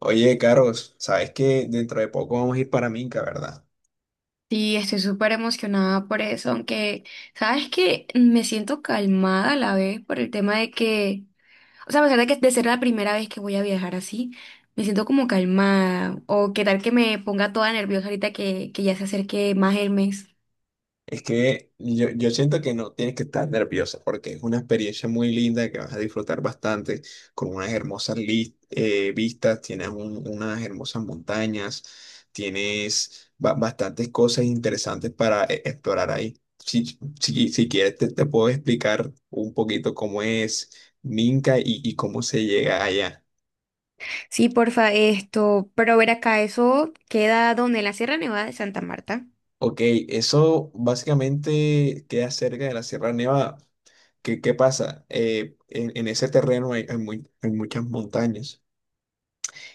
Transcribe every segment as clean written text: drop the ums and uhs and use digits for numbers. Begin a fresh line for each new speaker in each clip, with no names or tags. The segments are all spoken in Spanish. Oye, Carlos, sabes que dentro de poco vamos a ir para Minca, ¿verdad?
Sí, estoy súper emocionada por eso, aunque, ¿sabes que me siento calmada a la vez por el tema de que, o sea, a pesar de que de ser la primera vez que voy a viajar así, me siento como calmada, o qué tal que me ponga toda nerviosa ahorita que ya se acerque más el mes?
Es que yo siento que no tienes que estar nerviosa porque es una experiencia muy linda que vas a disfrutar bastante, con unas hermosas vistas, tienes unas hermosas montañas, tienes bastantes cosas interesantes para explorar ahí. Si quieres, te puedo explicar un poquito cómo es Minca y cómo se llega allá.
Sí, porfa, esto, pero ver acá, eso queda donde en la Sierra Nevada de Santa Marta.
Ok, eso básicamente queda cerca de la Sierra Nevada. ¿Qué pasa? En ese terreno hay muchas montañas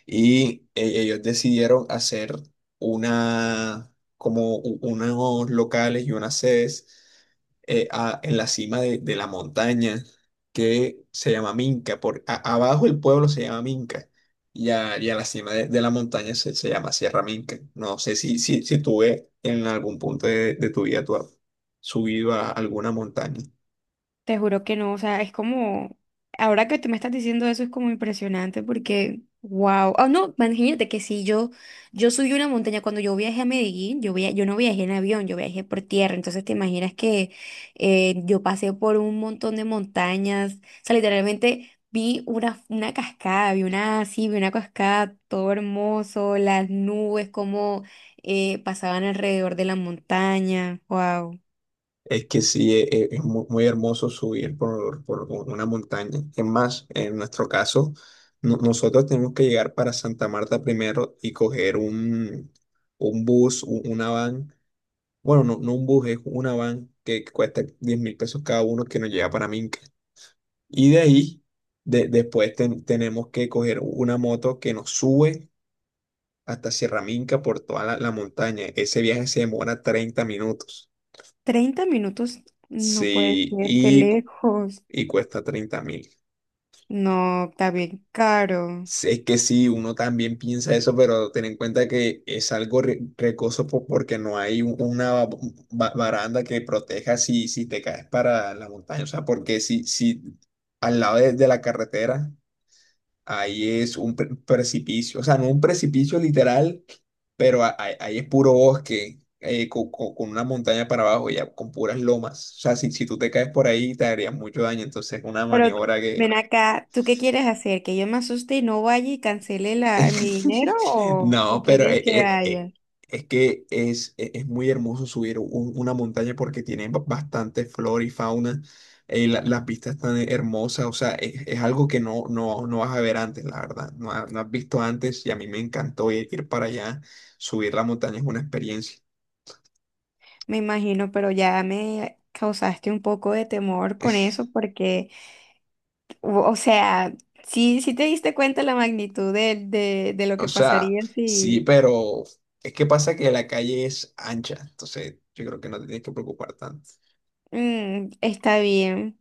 y ellos decidieron hacer una, como unos locales y unas sedes en la cima de la montaña que se llama Minca. Por, abajo el pueblo se llama Minca y a la cima de la montaña se llama Sierra Minca. No sé si tú ves en algún punto de tu vida tú has subido a alguna montaña.
Te juro que no, o sea, es como, ahora que tú me estás diciendo eso es como impresionante porque, wow, oh no, imagínate que si yo, subí una montaña cuando yo viajé a Medellín, yo no viajé en avión, yo viajé por tierra, entonces te imaginas que yo pasé por un montón de montañas, o sea, literalmente vi una cascada, vi una, sí, vi una cascada, todo hermoso, las nubes como pasaban alrededor de la montaña, wow.
Es que sí, es, muy, hermoso subir por una montaña. Es más, en nuestro caso, nosotros tenemos que llegar para Santa Marta primero y coger un bus, una van. Bueno, no un bus, es una van que cuesta 10.000 pesos cada uno que nos lleva para Minca. Y de ahí, después tenemos que coger una moto que nos sube hasta Sierra Minca por toda la, la montaña. Ese viaje se demora 30 minutos.
30 minutos, no puede
Sí,
ser, qué lejos.
y cuesta 30.000.
No, está bien caro.
Sí, es que sí, uno también piensa eso, pero ten en cuenta que es algo recoso porque no hay una baranda que proteja si te caes para la montaña. O sea, porque si, si al lado de la carretera, ahí es un precipicio. O sea, no un precipicio literal, pero ahí es puro bosque, con, una montaña para abajo, ya con puras lomas. O sea, si, si tú te caes por ahí, te harías mucho daño. Entonces, es una
Pero
maniobra.
ven acá, ¿tú qué quieres hacer? ¿Que yo me asuste y no vaya y cancele mi dinero o
No, pero
quieres que vaya?
es que es, es muy hermoso subir una montaña porque tiene bastante flora y fauna. La, las vistas tan hermosas, o sea, es algo que no vas a ver antes, la verdad. No, no has visto antes y a mí me encantó ir, ir para allá. Subir la montaña es una experiencia.
Me imagino, pero ya me causaste un poco de temor con eso porque, o sea, sí, sí te diste cuenta la magnitud de lo
O
que
sea,
pasaría
sí,
si.
pero es que pasa que la calle es ancha, entonces yo creo que no te tienes que preocupar tanto.
Está bien.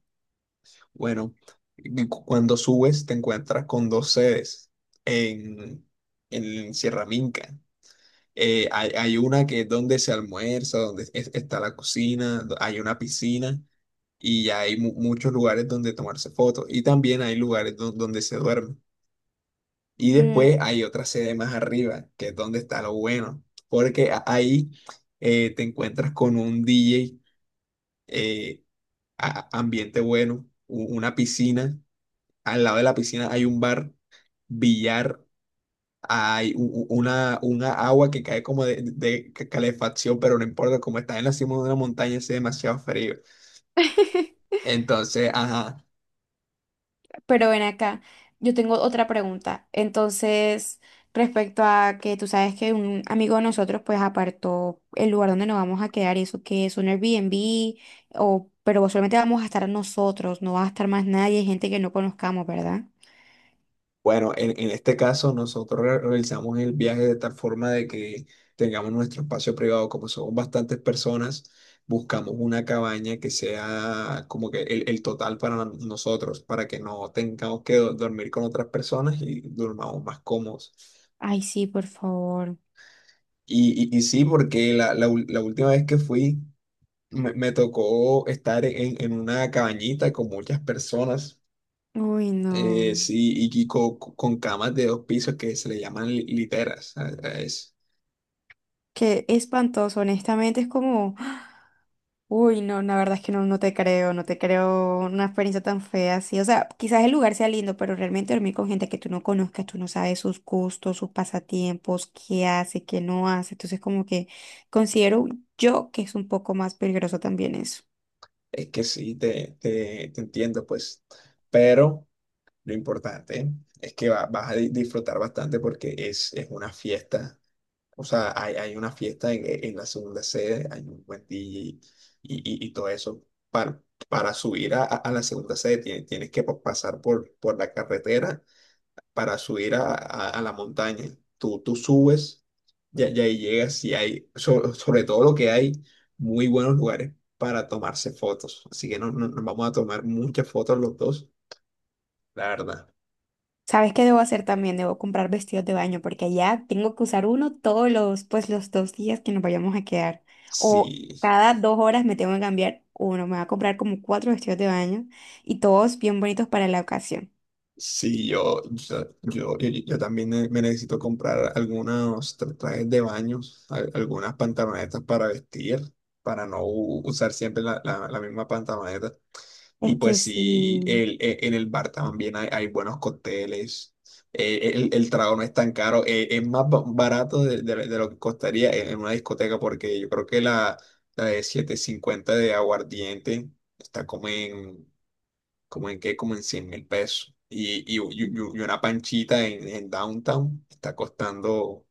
Bueno, y cuando subes te encuentras con dos sedes en, en Sierra Minca. Hay una que es donde se almuerza, donde está la cocina, hay una piscina y ya hay muchos lugares donde tomarse fotos y también hay lugares donde se duerme. Y
Mm.
después hay otra sede más arriba, que es donde está lo bueno, porque ahí te encuentras con un DJ, eh, ambiente bueno, una piscina, al lado de la piscina hay un bar, billar, hay una agua que cae como de calefacción, pero no importa, como está en la cima de una montaña, hace demasiado frío. Entonces, ajá,
Pero ven acá, yo tengo otra pregunta. Entonces, respecto a que tú sabes que un amigo de nosotros pues apartó el lugar donde nos vamos a quedar y eso que es un Airbnb o pero solamente vamos a estar nosotros, no va a estar más nadie, gente que no conozcamos, ¿verdad?
bueno, en este caso nosotros realizamos el viaje de tal forma de que tengamos nuestro espacio privado, como somos bastantes personas. Buscamos una cabaña que sea como que el total para nosotros, para que no tengamos que dormir con otras personas y durmamos más cómodos.
Ay, sí, por favor.
Y sí, porque la última vez que fui me tocó estar en una cabañita con muchas personas,
Uy, no.
sí, y con, camas de 2 pisos que se le llaman literas. A
Qué espantoso, honestamente, es como uy, no, la verdad es que no, no te creo, no te creo una experiencia tan fea así. O sea, quizás el lugar sea lindo, pero realmente dormir con gente que tú no conozcas, tú no sabes sus gustos, sus pasatiempos, qué hace, qué no hace. Entonces, como que considero yo que es un poco más peligroso también eso.
es que sí, te entiendo, pues. Pero lo importante es que vas a disfrutar bastante porque es una fiesta. O sea, hay una fiesta en, en la segunda sede, hay un buen DJ y todo eso. Para, para subir a la segunda sede tienes, tienes que pasar por la carretera para subir a la montaña. Tú subes ya ya ahí llegas y hay, sobre, sobre todo lo que hay, muy buenos lugares para tomarse fotos. Así que no, nos vamos a tomar muchas fotos los dos, la verdad.
¿Sabes qué debo hacer también? Debo comprar vestidos de baño porque allá tengo que usar uno todos los, pues los 2 días que nos vayamos a quedar. O
Sí.
cada 2 horas me tengo que cambiar uno. Me va a comprar como cuatro vestidos de baño y todos bien bonitos para la ocasión.
Sí, yo también me necesito comprar algunos trajes de baños, algunas pantalonetas para vestir, para no usar siempre la misma pantaloneta. Y
Es
pues
que
sí,
sí,
en el bar también hay buenos cócteles. El trago no es tan caro, es más barato de, de lo que costaría en una discoteca, porque yo creo que la de 750 de aguardiente está como en como en qué, como en 100.000 pesos. Y una panchita en downtown está costando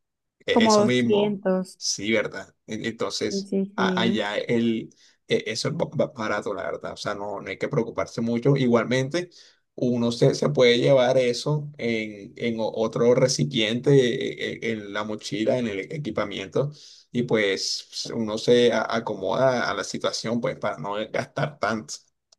como
eso mismo.
200.
Sí, ¿verdad? En-
Sí,
Entonces,
sí, sí.
allá eso es barato, la verdad. O sea, no, no hay que preocuparse mucho. Igualmente, uno se puede llevar eso en otro recipiente, en la mochila, en el equipamiento. Y pues uno se acomoda a la situación, pues, para no gastar tanto.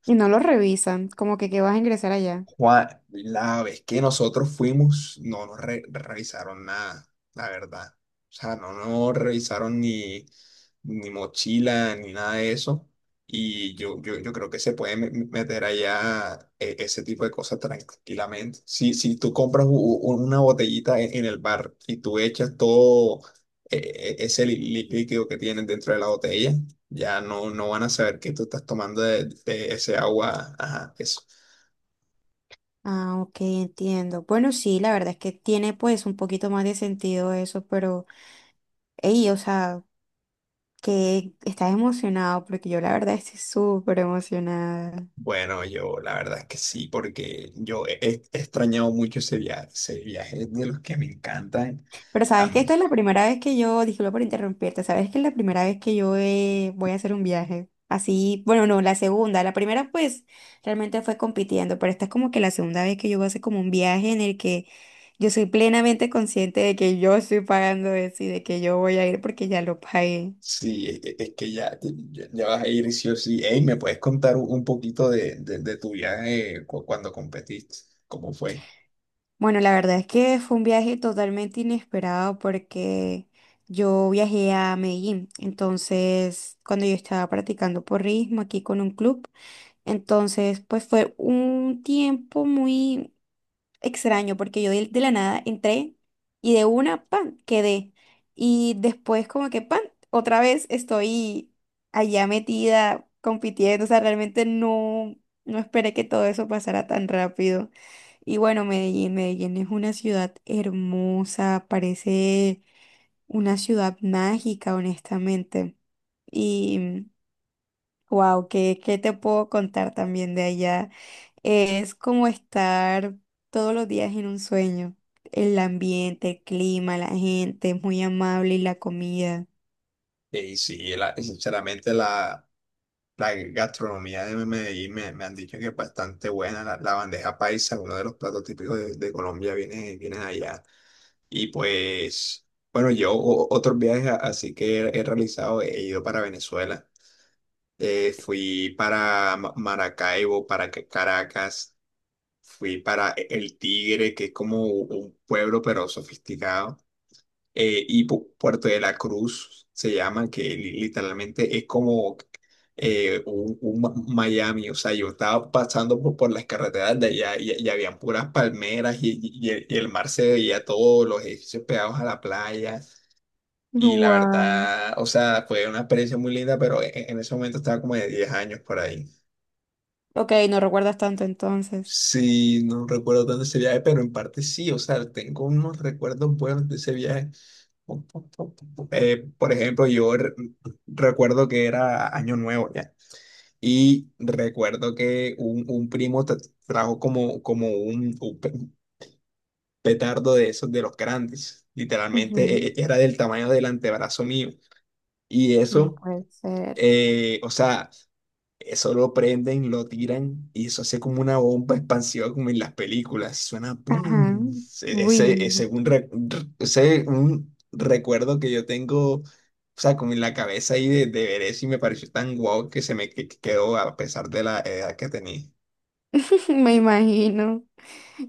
Y no lo revisan, como que vas a ingresar allá.
Juan, la vez que nosotros fuimos, no nos revisaron nada, la verdad. O sea, no nos revisaron ni, ni mochila, ni nada de eso. Y yo creo que se puede meter allá ese tipo de cosas tranquilamente. Si, si tú compras una botellita en el bar y tú echas todo ese líquido que tienen dentro de la botella, ya no, no van a saber que tú estás tomando de ese agua, ajá, eso.
Ah, ok, entiendo. Bueno, sí, la verdad es que tiene pues un poquito más de sentido eso, pero, ey, o sea, que estás emocionado, porque yo la verdad estoy súper emocionada.
Bueno, yo la verdad es que sí, porque yo he, he extrañado mucho ese viaje es de los que me encantan
Pero
a
sabes que
mí.
esta es la primera vez que yo, disculpa por interrumpirte, sabes que es la primera vez que yo voy a hacer un viaje. Así, bueno, no, la segunda, la primera pues realmente fue compitiendo, pero esta es como que la segunda vez que yo voy a hacer como un viaje en el que yo soy plenamente consciente de que yo estoy pagando eso y de que yo voy a ir porque ya lo pagué.
Sí, es que ya, ya ya vas a ir sí o sí. Ey, ¿me puedes contar un poquito de tu viaje cuando competiste? ¿Cómo fue?
Bueno, la verdad es que fue un viaje totalmente inesperado porque yo viajé a Medellín, entonces cuando yo estaba practicando porrismo aquí con un club. Entonces, pues fue un tiempo muy extraño porque yo de la nada entré y de una, pan, quedé. Y después como que, pan, otra vez estoy allá metida compitiendo. O sea, realmente no esperé que todo eso pasara tan rápido. Y bueno, Medellín, Medellín es una ciudad hermosa, parece una ciudad mágica, honestamente. Y wow, ¿qué te puedo contar también de allá? Es como estar todos los días en un sueño. El ambiente, el clima, la gente, es muy amable y la comida.
Y sí, sinceramente la, la gastronomía de Medellín me han dicho que es bastante buena. La bandeja paisa, uno de los platos típicos de Colombia, viene, viene de allá. Y pues, bueno, yo otros viajes así que he, he realizado, he ido para Venezuela. Fui para Maracaibo, para Caracas, fui para El Tigre, que es como un pueblo pero sofisticado, y Puerto de la Cruz se llama, que literalmente es como un Miami. O sea, yo estaba pasando por las carreteras de allá y- habían puras palmeras y, y el mar se veía todos los edificios pegados a la playa. Y la
Wow.
verdad, o sea, fue una experiencia muy linda, pero en ese momento estaba como de 10 años por ahí.
Ok, no recuerdas tanto entonces.
Sí, no recuerdo tanto ese viaje, pero en parte sí, o sea, tengo unos recuerdos buenos de ese viaje. Por ejemplo, yo recuerdo que era Año Nuevo ya, y recuerdo que un primo trajo como, como un petardo de esos de los grandes, literalmente
Ujú.
era del tamaño del antebrazo mío, y
No
eso,
puede ser.
o sea, eso lo prenden, lo tiran y eso hace como una bomba expansiva como en las películas. Suena
Ajá.
¡pum!
Uy.
Ese un recuerdo que yo tengo, o sea, como en la cabeza ahí de ver eso y me pareció tan guau que se me que quedó a pesar de la edad que tenía.
Me imagino.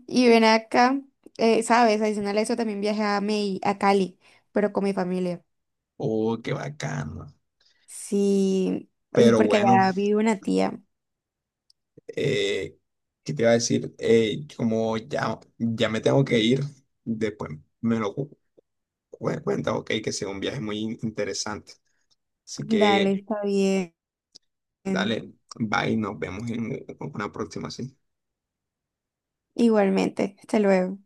Y ven acá, sabes, adicional a eso también viajé a Cali, pero con mi familia.
¡Oh, qué bacano!
Sí, y
Pero
porque
bueno,
allá vive una tía.
eh, ¿qué te iba a decir? Como ya, ya me tengo que ir, después me lo cuenta, ok, que sea un viaje muy interesante. Así
Dale,
que...
está bien.
Dale, bye, nos vemos en una próxima, sí.
Igualmente. Hasta luego.